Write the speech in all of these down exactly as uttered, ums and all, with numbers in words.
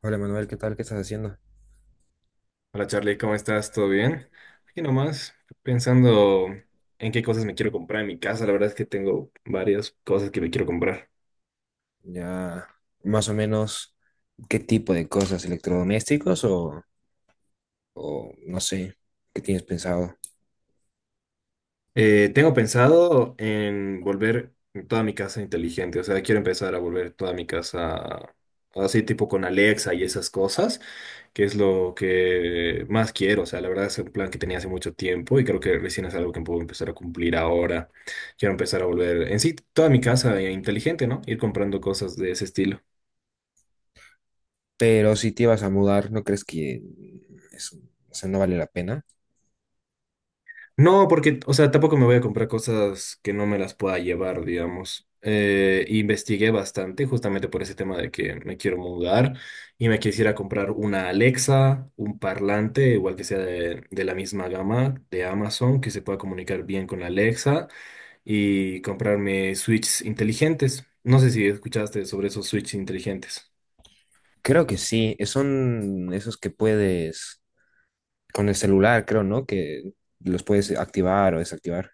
Hola Manuel, ¿qué tal? ¿Qué estás haciendo? Hola Charlie, Santi, ¿cómo ¿cómo estás? estás? ¿Todo ¿Todo bien? bien? Aquí nomás, pensando Ando- en qué ¿en qué- cosas me quiero comprar en mi casa. La verdad es que tengo varias cosas que me quiero comprar. Ya, más o menos, ¿qué tipo de cosas? ¿Electrodomésticos o, o no sé, qué tienes pensado? Eh, tengo pensado en volver toda mi casa inteligente. O sea, quiero empezar a volver toda mi casa así tipo con Alexa y esas cosas, que es lo que más quiero. O sea, la verdad es un plan que tenía hace mucho tiempo y creo que recién es algo que puedo empezar a cumplir ahora. Quiero empezar a volver en sí toda mi casa eh, inteligente, ¿no? Ir comprando cosas de ese estilo. Pero si te vas a mudar, ¿no crees que eso, o sea, no vale la pena? No, porque, o sea, tampoco me voy a comprar cosas que no me las pueda llevar, digamos. Eh, investigué bastante justamente por ese tema de que me quiero mudar y me quisiera comprar una Alexa, un parlante, igual que sea de, de la misma gama de Amazon, que se pueda comunicar bien con Alexa y comprarme switches inteligentes. No sé si escuchaste sobre esos switches inteligentes. Creo que sí, son esos que puedes, con el celular, creo, ¿no? Que los puedes activar o desactivar.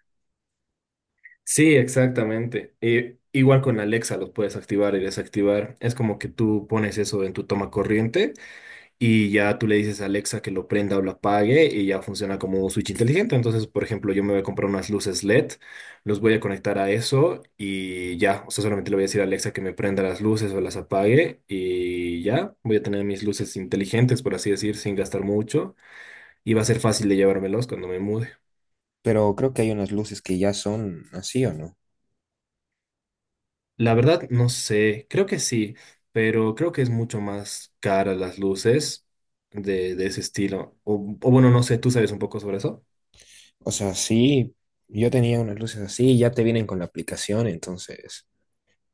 Sí, exactamente. Eh, igual con Alexa los puedes activar y desactivar. Es como que tú pones eso en tu toma corriente Y ya tú le dices a Alexa que lo prenda o lo apague y ya funciona como un switch inteligente. Entonces, por ejemplo, yo me voy a comprar unas luces L E D, los voy a conectar a eso y ya, o sea, solamente le voy a decir a Alexa que me prenda las luces o las apague y ya, voy a tener mis luces inteligentes, por así decir, sin gastar mucho y va a ser fácil de llevármelos cuando me mude. Pero creo que hay unas luces que ya son así, ¿o no? La verdad, no sé, creo que sí, pero creo que es mucho más cara las luces de, de ese estilo. O, o bueno, no sé, ¿tú sabes un poco sobre eso? O sea, sí, yo tenía unas luces así, ya te vienen con la aplicación, entonces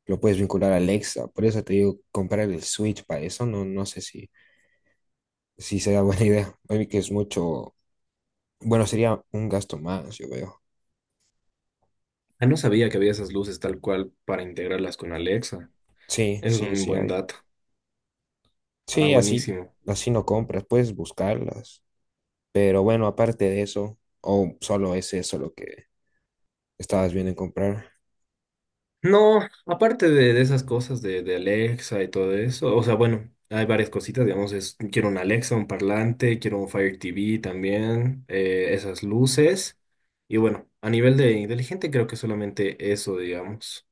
lo puedes vincular a Alexa. Por eso te digo, comprar el Switch para eso, no, no sé si, si sea buena idea. Oye, que es mucho, bueno, sería un gasto más, yo veo. Ah, no sabía que había esas luces tal cual para integrarlas con Alexa. Sí, Eso es sí, un sí, buen hay. dato. Ah, Sí, así, buenísimo. así no compras, puedes buscarlas. Pero bueno, aparte de eso, ¿o solo es eso lo que estabas viendo en comprar? No, aparte de, de esas cosas de, de Alexa y todo eso, o sea, bueno, hay varias cositas, digamos, es, quiero un Alexa, un parlante, quiero un Fire T V también, eh, esas luces. Y bueno, a nivel de inteligente creo que solamente eso, digamos.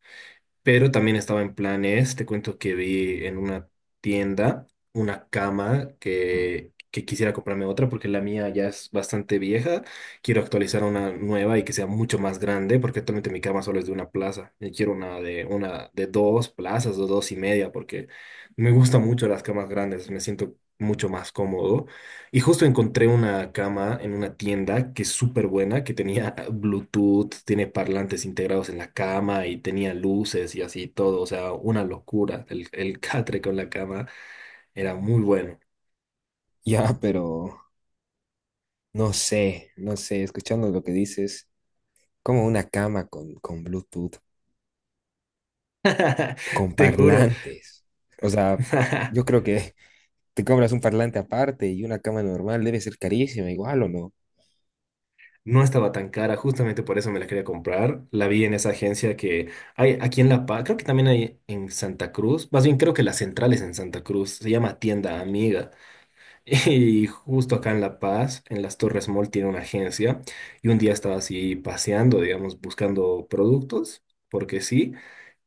Pero también estaba en planes, te cuento que vi en una tienda una cama que, que quisiera comprarme otra porque la mía ya es bastante vieja. Quiero actualizar una nueva y que sea mucho más grande porque actualmente mi cama solo es de una plaza. Y quiero una de, una de dos plazas o dos y media porque me gustan mucho las camas grandes, me siento mucho más cómodo. Y justo encontré una cama en una tienda que es súper buena, que tenía Bluetooth, tiene parlantes integrados en la cama y tenía luces y así todo. O sea, una locura. El, el catre con la cama era muy bueno. Ya, pero no sé, no sé, escuchando lo que dices, como una cama con, con Bluetooth. Con Te juro. parlantes. O sea, yo creo que te compras un parlante aparte y una cama normal debe ser carísima, igual o no. No estaba tan cara, justamente por eso me la quería comprar. La vi en esa agencia que hay aquí en La Paz, creo que también hay en Santa Cruz. Más bien creo que la central es en Santa Cruz. Se llama Tienda Amiga. Y justo acá en La Paz, en las Torres Mall, tiene una agencia. Y un día estaba así paseando, digamos, buscando productos, porque sí.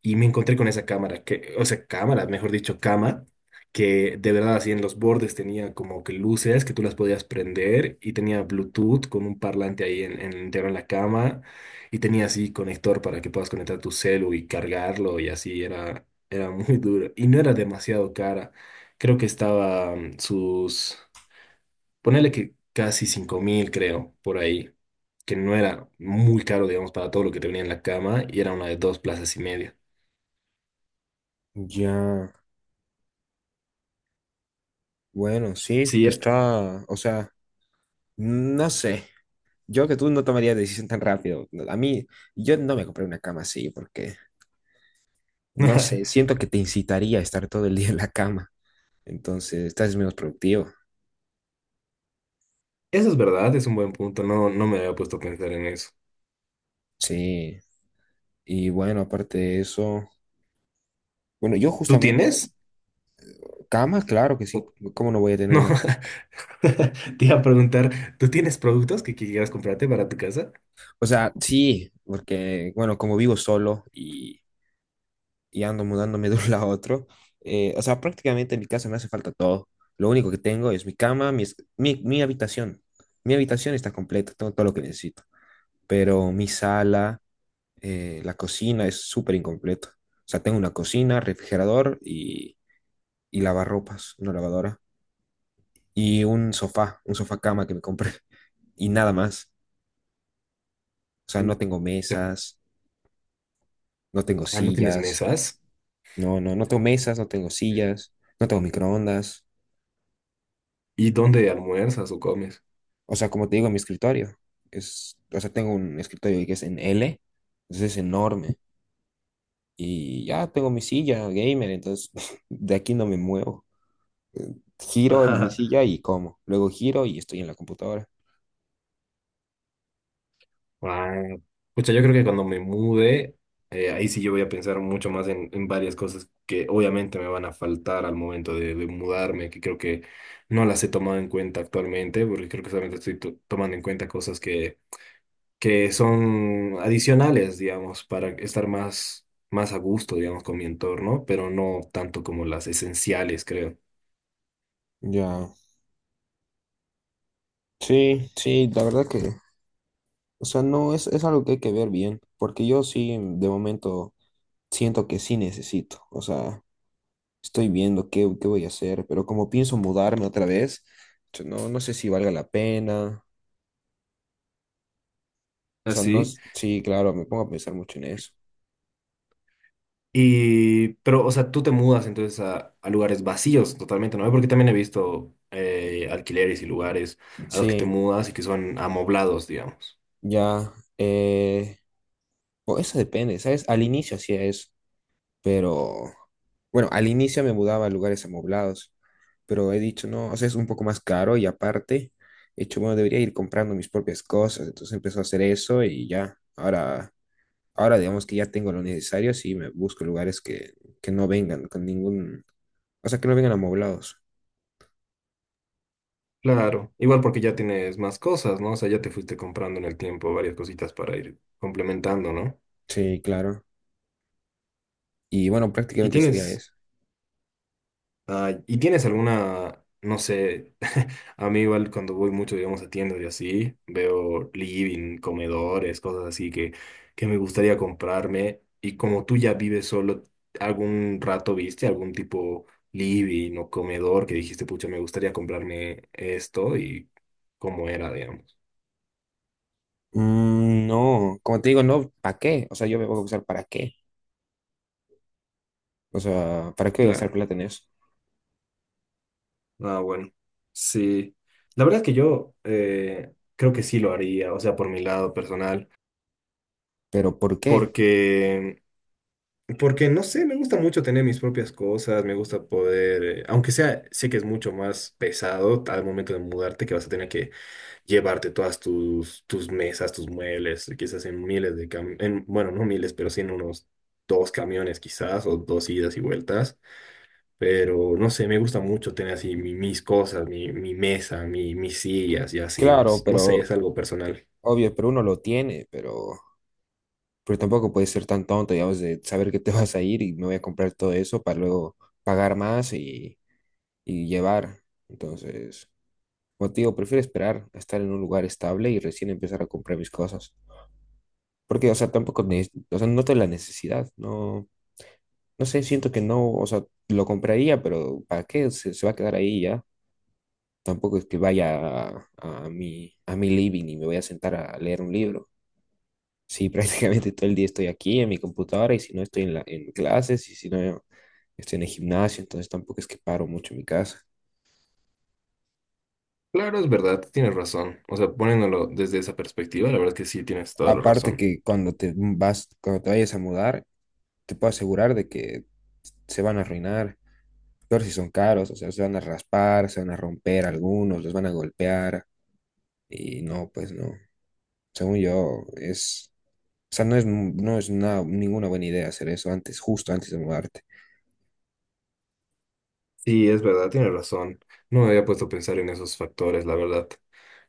Y me encontré con esa cámara, que, o sea, cámara, mejor dicho, cama, que de verdad así en los bordes tenía como que luces que tú las podías prender y tenía Bluetooth con un parlante ahí en, en, interno en la cama. Y tenía así conector para que puedas conectar tu celu y cargarlo y así era, era muy duro. Y no era demasiado cara. Creo que estaba mm, sus... Ponerle que casi cinco mil, creo, por ahí, que no era muy caro, digamos, para todo lo que te venía en la cama y era una de dos plazas y media. Ya, bueno, sí, Sí, te era. está, o sea, no sé, yo que tú no tomarías decisión tan rápido. A mí, yo no me compré una cama así porque, no sé, siento que te incitaría a estar todo el día en la cama. Entonces, estás menos productivo. Eso es verdad, es un buen punto, no, no me había puesto a pensar en eso. Sí. Y bueno, aparte de eso, bueno, yo ¿Tú justamente, tienes? cama, claro que sí. O- ¿Cómo no voy a tener No, una cama? te iba a preguntar, ¿tú tienes productos que quieras comprarte para tu casa? O sea, sí, porque, bueno, como vivo solo y, y ando mudándome de un lado a otro, eh, o sea, prácticamente en mi casa me hace falta todo. Lo único que tengo es mi cama, mi, es- mi, mi habitación. Mi habitación está completa, tengo todo lo que necesito. Pero mi sala, eh, la cocina es súper incompleto. O sea, tengo una cocina, refrigerador y lavarropas, una lavadora y un sofá, un sofá cama que me compré y nada más. O sea, Mm. no tengo mesas, no tengo Ah, ¿no tienes sillas, mesas? no, no, no tengo mesas, no tengo Mm. sillas, no tengo microondas. ¿Y dónde almuerzas o comes? O sea, como te digo, mi escritorio es, o sea, tengo un escritorio que es en L, entonces es enorme y ya tengo mi silla gamer, entonces de aquí no me muevo. Giro en mi silla y como, luego giro y estoy en la computadora. Wow. Pucha, yo creo que cuando me mude, eh, ahí sí yo voy a pensar mucho más en, en varias cosas que obviamente me van a faltar al momento de, de mudarme, que creo que no las he tomado en cuenta actualmente, porque creo que solamente estoy to- tomando en cuenta cosas que, que son adicionales, digamos, para estar más, más a gusto, digamos, con mi entorno, pero no tanto como las esenciales, creo. Ya, sí, sí, la verdad que o sea, no es, es algo que hay que ver bien, porque yo sí, mm, de momento, siento que sí necesito. O sea, estoy viendo qué, qué voy a hacer, pero como pienso mudarme otra vez, yo no, no sé si valga la pena. O sea, no, ¿Así? s- sí, claro, me pongo a pensar mucho en eso. Y, pero, o sea, tú te mudas entonces a, a lugares vacíos totalmente, ¿no? Porque también he visto eh, alquileres y lugares a los que te Sí, mudas y que son amoblados, digamos. ya. Eh, o eso depende, ¿sabes? Al inicio hacía eso, pero bueno, al inicio me mudaba a lugares amoblados, pero he dicho, no, o sea, es un poco más caro y aparte, he dicho, bueno, debería ir comprando mis propias cosas, entonces empezó a hacer eso y ya, ahora, ahora digamos que ya tengo lo necesario, sí, me busco lugares que, que no vengan con ningún, o sea, que no vengan amoblados. Claro, igual porque ya tienes más cosas, ¿no? O sea, ya te fuiste comprando en el tiempo varias cositas para ir complementando, ¿no? Sí, claro. Y bueno, Y prácticamente sería tienes, eso. Ah, ¿y tienes alguna, no sé, a mí igual cuando voy mucho, digamos, a tiendas y así, veo living, comedores, cosas así que, que me gustaría comprarme. Y como tú ya vives solo, ¿algún rato viste algún tipo living o comedor que dijiste, pucha, me gustaría comprarme esto y cómo era, digamos? Mm, no, como te digo, no, ¿para qué? O sea, yo me voy a usar para qué. O sea, ¿para qué voy a gastar Claro. plata en eso? Ah, bueno. Sí. La verdad es que yo eh, creo que sí lo haría, o sea, por mi lado personal, Pero ¿por qué? porque... Porque no sé, me gusta mucho tener mis propias cosas, me gusta poder, eh, aunque sea, sé que es mucho más pesado al momento de mudarte, que vas a tener que llevarte todas tus, tus mesas, tus muebles, quizás en miles de camiones, bueno, no miles, pero sí en unos dos camiones quizás, o dos idas y vueltas. Pero no sé, me gusta mucho tener así mi- mis cosas, mi, mi mesa, mi, mis sillas y así, no, s- Claro, no sé, pero es algo personal. obvio, pero uno lo tiene, pero Pero tampoco puedes ser tan tonto, digamos, de saber que te vas a ir y me voy a comprar todo eso para luego pagar más y, y llevar. Entonces, como te digo, prefiero esperar a estar en un lugar estable y recién empezar a comprar mis cosas. Porque, o sea, tampoco, ne- o sea, noto la necesidad, no, no sé, siento que no, o sea, lo compraría, pero ¿para qué? Se, se va a quedar ahí ya. Tampoco es que vaya a, a mi, a mi living y me voy a sentar a leer un libro. Sí, prácticamente todo el día estoy aquí en mi computadora y si no estoy en la, en clases y si no estoy en el gimnasio, entonces tampoco es que paro mucho en mi casa. Claro, es verdad, tienes razón. O sea, poniéndolo desde esa perspectiva, la verdad que sí tienes toda la Aparte razón. que cuando te vas, cuando te vayas a mudar, te puedo asegurar de que se van a arruinar. Peor si son caros, o sea, se van a raspar, se van a romper algunos, los van a golpear y no, pues no. Según yo, es, o sea, no es, no es una- ninguna buena idea hacer eso antes, justo antes de mudarte. Sí, es verdad, tienes razón. No me había puesto a pensar en esos factores, la verdad.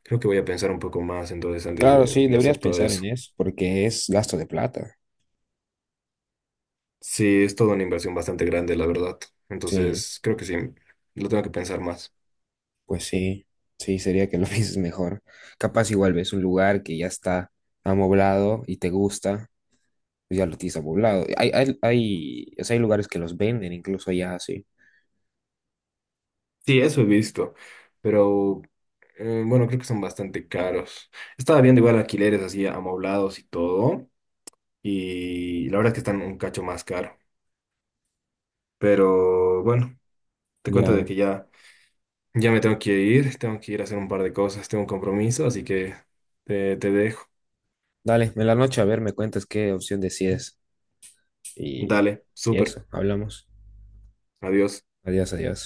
Creo que voy a pensar un poco más entonces antes Claro, de, sí, de deberías hacer todo pensar eso. en eso porque es gasto de plata. Sí, es toda una inversión bastante grande, la verdad. Sí, Entonces, creo que sí, lo tengo que pensar más. pues sí, sí, sería que lo pienses mejor. Capaz igual ves un lugar que ya está amoblado y te gusta, pues ya lo tienes amoblado. Hay, hay, hay, o sea, hay lugares que los venden incluso ya así. Sí, eso he visto, pero eh, bueno, creo que son bastante caros. Estaba viendo igual alquileres así amoblados y todo, y la verdad es que están un cacho más caro. Pero bueno, te cuento de Ya. que ya... Ya me tengo que ir, tengo que ir a hacer un par de cosas, tengo un compromiso, así que te, te dejo. Dale, en la noche a ver, me cuentas qué opción decides y, Dale, y súper, eso, hablamos. adiós. Adiós, adiós.